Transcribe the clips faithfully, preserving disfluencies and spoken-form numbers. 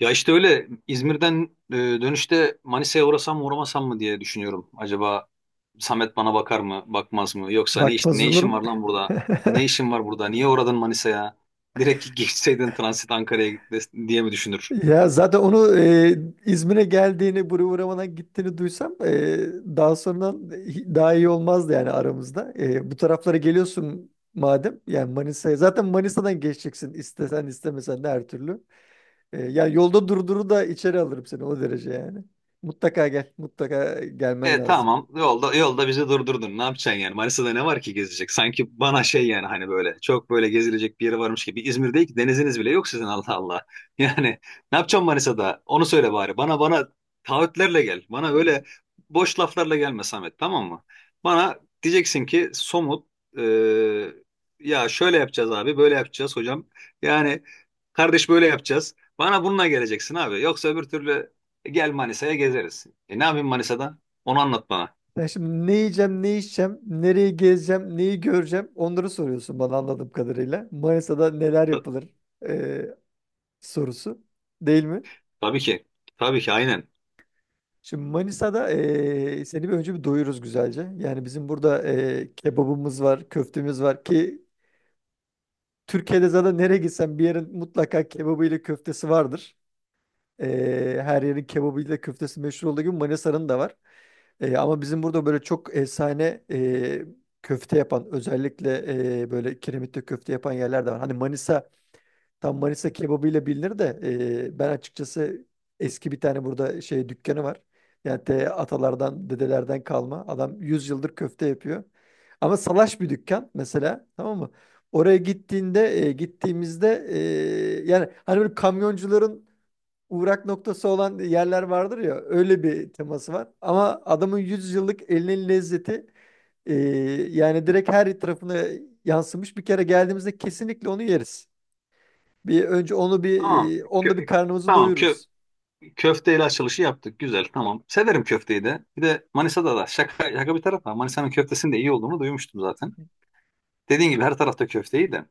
Ya işte öyle İzmir'den e, dönüşte Manisa'ya uğrasam mı uğramasam mı diye düşünüyorum. Acaba Samet bana bakar mı, bakmaz mı? Yoksa ne iş, Bakmaz ne işin olurum. var lan burada? Ne işin var burada? Niye uğradın Manisa'ya? Direkt geçseydin transit Ankara'ya des- diye mi düşünür? Ya zaten onu e, İzmir'e geldiğini, buraya uğramadan gittiğini duysam e, daha sonradan hi- daha iyi olmazdı yani aramızda. E, bu taraflara geliyorsun madem yani Manisa'ya zaten Manisa'dan geçeceksin istesen istemesen de her türlü. E, yani yolda durduru da içeri alırım seni o derece yani. Mutlaka gel, mutlaka gelmen E lazım. tamam yolda yolda bizi durdurdun, ne yapacaksın yani? Manisa'da ne var ki gezecek sanki? Bana şey yani, hani böyle çok böyle gezilecek bir yere varmış gibi. İzmir değil ki, deniziniz bile yok sizin. Allah Allah yani ne yapacaksın Manisa'da, onu söyle bari. Bana bana taahhütlerle gel, bana öyle boş laflarla gelme Samet, tamam mı? Bana diyeceksin ki somut, e, ya şöyle yapacağız abi, böyle yapacağız hocam, yani kardeş böyle yapacağız. Bana bununla geleceksin abi, yoksa öbür türlü gel Manisa'ya, gezeriz. E, ne yapayım Manisa'da, onu anlat bana. Ben şimdi ne yiyeceğim, ne içeceğim, nereyi gezeceğim, neyi göreceğim onları soruyorsun bana anladığım kadarıyla. Manisa'da neler Ta- yapılır? E, Sorusu değil mi? tabii ki. Tabii ki, aynen. Şimdi Manisa'da eee, seni bir önce bir doyururuz güzelce. Yani bizim burada eee, kebabımız var, köftemiz var ki Türkiye'de zaten nereye gitsen bir yerin mutlaka kebabı ile köftesi vardır. Eee, her yerin kebabı ile köftesi meşhur olduğu gibi Manisa'nın da var. Eee, ama bizim burada böyle çok efsane eee, köfte yapan özellikle eee, böyle kiremitte köfte yapan yerler de var. Hani Manisa Tam Manisa kebabıyla bilinir de e, ben açıkçası eski bir tane burada şey dükkanı var. Yani te, atalardan, dedelerden kalma. Adam yüz yıldır köfte yapıyor. Ama salaş bir dükkan mesela tamam mı? Oraya gittiğinde e, gittiğimizde e, yani hani böyle kamyoncuların uğrak noktası olan yerler vardır ya öyle bir teması var. Ama adamın yüz yıllık elinin lezzeti e, yani direkt her tarafına yansımış. Bir kere geldiğimizde kesinlikle onu yeriz. Bir önce onu bir Tamam. e, onunla bir Kö- karnımızı tamam. Kö doyururuz. Köfteyle açılışı yaptık. Güzel. Tamam. Severim köfteyi de. Bir de Manisa'da da şaka, şaka bir tarafa, Manisa'nın köftesinin de iyi olduğunu duymuştum Hı zaten. hı. Dediğin gibi her tarafta köfte iyi de.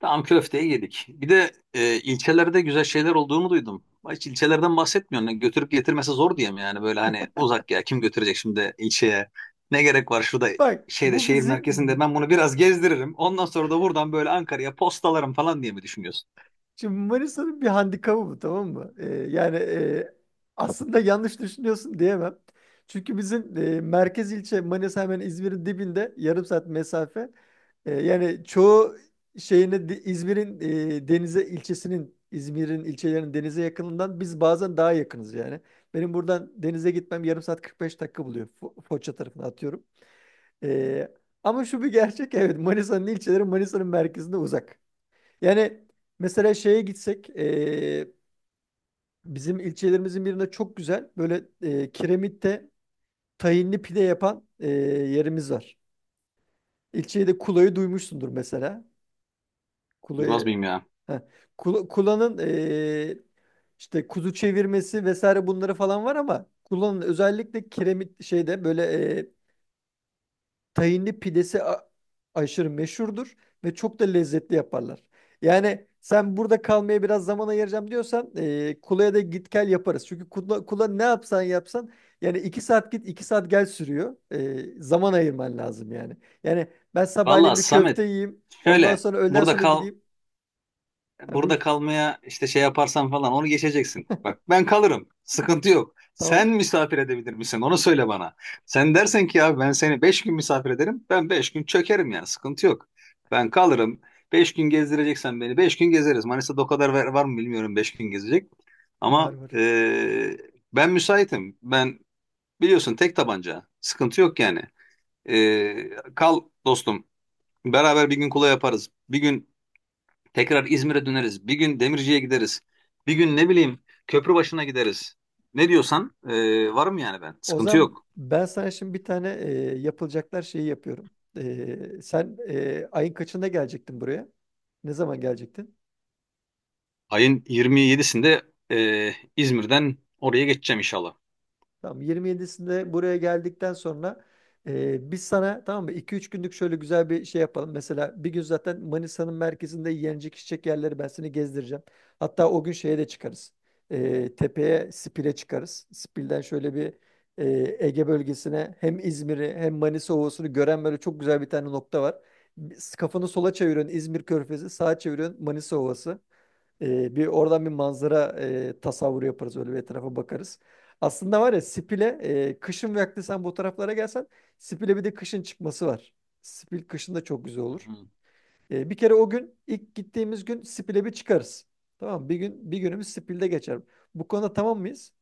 Tamam, köfteyi yedik. Bir de e, ilçelerde güzel şeyler olduğunu duydum. Hiç ilçelerden bahsetmiyorsun. Yani götürüp getirmesi zor diyeyim yani, böyle hani uzak ya, kim götürecek şimdi ilçeye? Ne gerek var şurada Bak şeyde, bu şehir bizim merkezinde ben bunu biraz gezdiririm, ondan sonra da buradan böyle Ankara'ya postalarım falan diye mi düşünüyorsun? şimdi Manisa'nın bir handikabı bu tamam mı? Ee, yani e, aslında yanlış düşünüyorsun diyemem. Çünkü bizim e, merkez ilçe Manisa hemen İzmir'in dibinde yarım saat mesafe. E, yani çoğu şeyini de- İzmir'in e, denize ilçesinin İzmir'in ilçelerinin denize yakınından biz bazen daha yakınız yani. Benim buradan denize gitmem yarım saat kırk beş dakika buluyor. Fo- Foça tarafına atıyorum. Ee, Ama şu bir gerçek, evet, Manisa'nın ilçeleri Manisa'nın merkezinde uzak. Yani mesela şeye gitsek ee, bizim ilçelerimizin birinde çok güzel böyle ee, kiremitte tahinli pide yapan ee, yerimiz var. İlçeyi de Kula'yı duymuşsundur mesela. Bilmez Kula'yı. miyim ya? Heh. Kula- Kula'nın ee, işte kuzu çevirmesi vesaire bunları falan var ama Kula'nın özellikle kiremit şeyde böyle tahinli pidesi a- aşırı meşhurdur ve çok da lezzetli yaparlar. Yani sen burada kalmaya biraz zaman ayıracağım diyorsan e, Kula'ya da git gel yaparız. Çünkü Kula, Kula ne yapsan yapsan yani iki saat git iki saat gel sürüyor. E, zaman ayırman lazım yani. Yani ben Valla sabahleyin bir köfte Samet, yiyeyim ondan şöyle sonra öğleden burada sonra kal. gideyim. Ha, buyur. Burada kalmaya işte şey yaparsan falan, onu geçeceksin. Bak ben kalırım, sıkıntı yok. Tamam. Sen misafir edebilir misin? Onu söyle bana. Sen dersen ki abi ben seni beş gün misafir ederim, ben beş gün çökerim yani. Sıkıntı yok. Ben kalırım. Beş gün gezdireceksen beni, beş gün gezeriz. Manisa'da o kadar var, var mı bilmiyorum beş gün gezecek. Var Ama var. eee, ben müsaitim. Ben biliyorsun, tek tabanca. Sıkıntı yok yani. Eee, kal dostum. Beraber bir gün Kula yaparız. Bir gün tekrar İzmir'e döneriz. Bir gün Demirci'ye gideriz. Bir gün ne bileyim, Köprübaşı'na gideriz. Ne diyorsan e, varım yani ben. O Sıkıntı zaman yok. ben sana şimdi bir tane e, yapılacaklar şeyi yapıyorum. E, sen e, ayın kaçında gelecektin buraya? Ne zaman gelecektin? Ayın yirmi yedisinde e, İzmir'den oraya geçeceğim inşallah. Tamam, yirmi yedisinde buraya geldikten sonra e, biz sana tamam mı iki üç günlük şöyle güzel bir şey yapalım. Mesela bir gün zaten Manisa'nın merkezinde yenecek içecek yerleri ben seni gezdireceğim. Hatta o gün şeye de çıkarız. E, tepeye, Spil'e çıkarız. Spil'den şöyle bir e, Ege bölgesine hem İzmir'i hem Manisa Ovası'nı gören böyle çok güzel bir tane nokta var. Kafanı sola çeviriyorsun İzmir Körfezi, sağa çeviriyorsun Manisa Ovası. Ee, bir oradan bir manzara e, tasavvuru yaparız, öyle bir etrafa bakarız. Aslında var ya Spil'e e, kışın vakti sen bu taraflara gelsen Spil'e bir de kışın çıkması var. Spil kışın da çok güzel olur. Hı. E, bir kere o gün ilk gittiğimiz gün Spil'e bir çıkarız. Tamam mı? Bir gün, bir günümüz Spil'de geçer. Bu konuda tamam mıyız?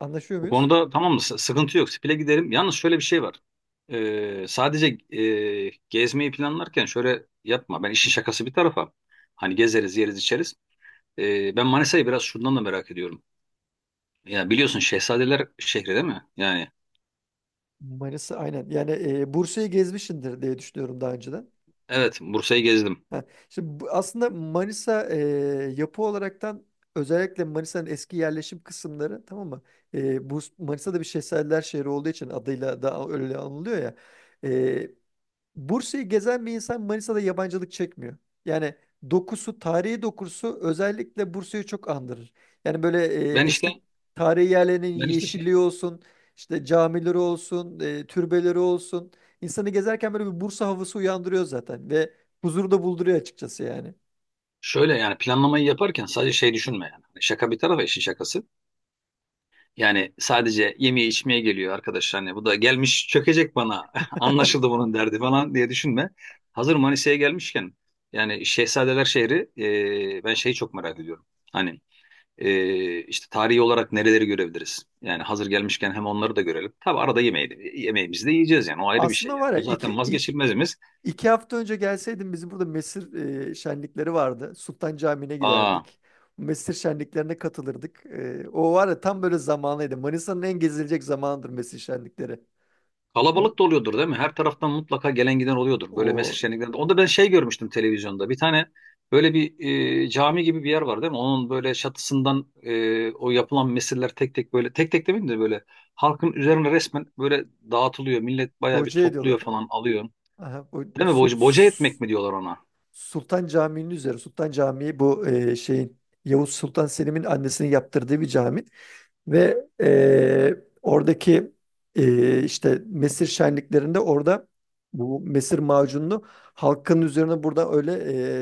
Anlaşıyor Bu muyuz? konuda tamam mı? S- Sıkıntı yok. Spil'e giderim. Yalnız şöyle bir şey var. E, sadece e, gezmeyi planlarken şöyle yapma. Ben işin şakası bir tarafa. Hani gezeriz, yeriz, içeriz. E, ben Manisa'yı biraz şundan da merak ediyorum. Ya biliyorsun, Şehzadeler şehri değil mi? Yani Manisa, aynen. Yani e, Bursa'yı gezmişsindir diye düşünüyorum daha önceden. evet, Bursa'yı gezdim. Ha, şimdi bu- aslında Manisa e, yapı olaraktan, özellikle Manisa'nın eski yerleşim kısımları, tamam mı? E, bu Manisa'da bir şehzadeler şehri olduğu için adıyla da öyle anılıyor ya. Bursa'yı gezen bir insan Manisa'da yabancılık çekmiyor. Yani dokusu, tarihi dokusu özellikle Bursa'yı çok andırır. Yani böyle e, Ben işte eski tarihi yerlerinin ben işte şey yeşilliği olsun, işte camileri olsun, e, türbeleri olsun. İnsanı gezerken böyle bir Bursa havası uyandırıyor zaten ve huzuru da bulduruyor açıkçası yani. şöyle yani, planlamayı yaparken sadece şey düşünme yani. Hani şaka bir tarafa işin şakası. Yani sadece yemeye içmeye geliyor arkadaş, hani bu da gelmiş çökecek bana anlaşıldı bunun derdi falan diye düşünme. Hazır Manisa'ya gelmişken yani Şehzadeler şehri, e, ben şeyi çok merak ediyorum. Hani e, işte tarihi olarak nereleri görebiliriz? Yani hazır gelmişken hem onları da görelim. Tabi arada yemeği de, yemeğimizi de yiyeceğiz yani, o ayrı bir şey Aslında yani. var ya O zaten iki, i- vazgeçilmezimiz. İki hafta önce gelseydin bizim burada Mesir e, şenlikleri vardı. Sultan Camii'ne Aa, giderdik. Mesir şenliklerine katılırdık. E, o var ya tam böyle zamanıydı. Manisa'nın en gezilecek zamanıdır Mesir şenlikleri. Onu, kalabalık da oluyordur değil mi? Her taraftan mutlaka gelen giden oluyordur böyle mesir o şenliklerinde. Onda ben şey görmüştüm televizyonda. Bir tane böyle bir e, cami gibi bir yer var değil mi? Onun böyle çatısından e, o yapılan mesirler tek tek, böyle tek tek demeyeyim de, böyle halkın üzerine resmen böyle dağıtılıyor. Millet bayağı bir hoca topluyor ediyorlar. falan, alıyor. Aha, o, Değil mi? su, Boca, boca etmek mi diyorlar ona? Sultan Camii'nin üzeri. Sultan Camii bu e, şeyin, Yavuz Sultan Selim'in annesinin yaptırdığı bir cami. Ve e, oradaki e, işte mesir şenliklerinde orada bu mesir macununu halkın üzerine burada öyle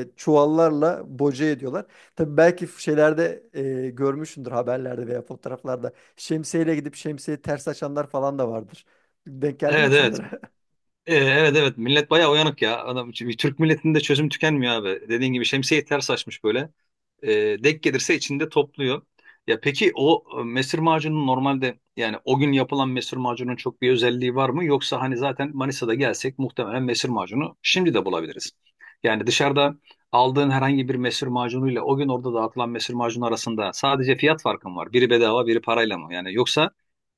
e, çuvallarla boca ediyorlar. Tabii belki şeylerde e, görmüşsündür haberlerde veya fotoğraflarda şemsiyeyle gidip şemsiyeyi ters açanlar falan da vardır. Denk geldi mi Evet hiç evet. onlara? E, evet evet. Millet bayağı uyanık ya. Adam, Türk milletinde çözüm tükenmiyor abi. Dediğin gibi şemsiyeyi ters açmış böyle. E, denk gelirse içinde topluyor. Ya peki o e, mesir macunu normalde, yani o gün yapılan mesir macunun çok bir özelliği var mı? Yoksa hani zaten Manisa'da gelsek muhtemelen mesir macunu şimdi de bulabiliriz. Yani dışarıda aldığın herhangi bir mesir macunuyla o gün orada dağıtılan mesir macunu arasında sadece fiyat farkı mı var? Biri bedava, biri parayla mı? Yani yoksa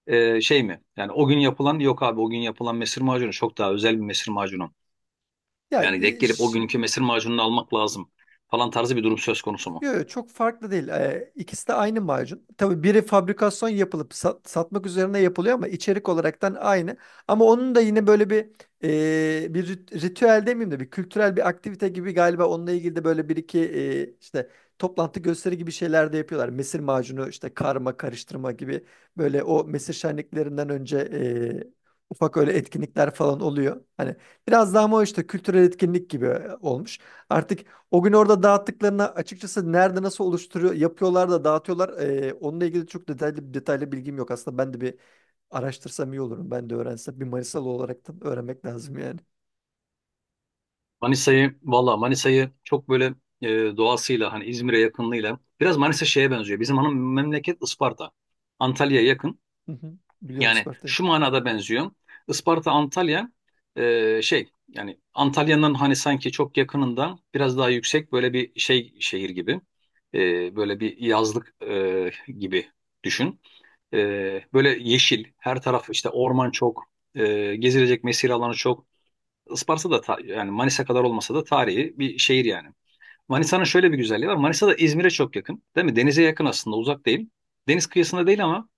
e, şey mi? Yani o gün yapılan, yok abi o gün yapılan mesir macunu çok daha özel bir mesir macunu. Ya, Yani denk e, gelip o ş- günkü mesir macununu almak lazım falan tarzı bir durum söz konusu mu? yok, çok farklı değil. Ee, ikisi de aynı macun. Tabii biri fabrikasyon yapılıp sat- satmak üzerine yapılıyor ama içerik olaraktan aynı. Ama onun da yine böyle bir e, bir rit- ritüel demeyeyim de bir kültürel bir aktivite gibi, galiba onunla ilgili de böyle bir iki e, işte toplantı gösteri gibi şeyler de yapıyorlar. Mesir macunu işte karma karıştırma gibi böyle o mesir şenliklerinden önce e, ufak öyle etkinlikler falan oluyor. Hani biraz daha, ama o işte kültürel etkinlik gibi olmuş. Artık o gün orada dağıttıklarını açıkçası nerede nasıl oluşturuyor, yapıyorlar da dağıtıyorlar. Ee, onunla ilgili çok detaylı detaylı bilgim yok. Aslında ben de bir araştırsam iyi olurum. Ben de öğrensem, bir Manisalı olaraktan öğrenmek lazım yani. Manisa'yı valla, Manisa'yı çok böyle e, doğasıyla hani İzmir'e yakınlığıyla biraz Manisa şeye benziyor. Bizim hanım memleket Isparta. Antalya'ya yakın. Hı hı. Biliyorum Yani Isparta'yı. şu manada benziyor. Isparta Antalya, e, şey yani Antalya'nın hani sanki çok yakınından biraz daha yüksek böyle bir şey, şehir gibi. E, böyle bir yazlık e, gibi düşün. E, Böyle yeşil her taraf, işte orman çok, e, gezilecek mesire alanı çok. Isparta da ta- yani Manisa kadar olmasa da tarihi bir şehir yani. Manisa'nın şöyle bir güzelliği var. Manisa da İzmir'e çok yakın, değil mi? Denize yakın aslında, uzak değil. Deniz kıyısında değil ama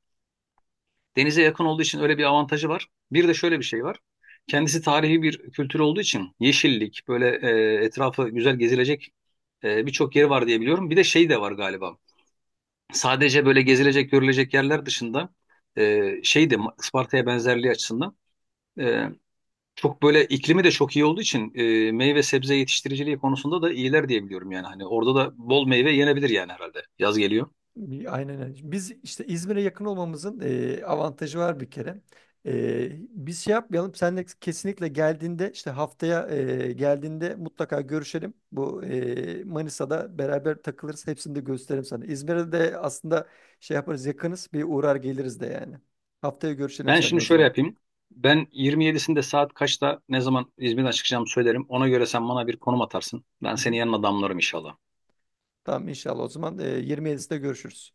denize yakın olduğu için öyle bir avantajı var. Bir de şöyle bir şey var. Kendisi tarihi bir kültür olduğu için yeşillik, böyle e, etrafı güzel gezilecek e, birçok yeri var diye biliyorum. Bir de şey de var galiba. Sadece böyle gezilecek, görülecek yerler dışında e, şey de, Isparta'ya benzerliği açısından. e, Çok böyle iklimi de çok iyi olduğu için e, meyve sebze yetiştiriciliği konusunda da iyiler diye biliyorum yani. Hani orada da bol meyve yenebilir yani herhalde. Yaz geliyor. Bir- Aynen öyle. Biz işte İzmir'e yakın olmamızın e, avantajı var bir kere. E, biz şey yapmayalım. Senle kesinlikle geldiğinde, işte haftaya e, geldiğinde mutlaka görüşelim. Bu e, Manisa'da beraber takılırız. Hepsini de gösteririm sana. İzmir'e de aslında şey yaparız, yakınız. Bir uğrar geliriz de yani. Haftaya görüşelim Ben seninle şimdi o şöyle zaman. yapayım. Ben yirmi yedisinde saat kaçta, ne zaman İzmir'den çıkacağımı söylerim. Ona göre sen bana bir konum atarsın. Ben Hı hı. seni yanına damlarım inşallah. Tamam, inşallah o zaman e, yirmi yedisinde görüşürüz.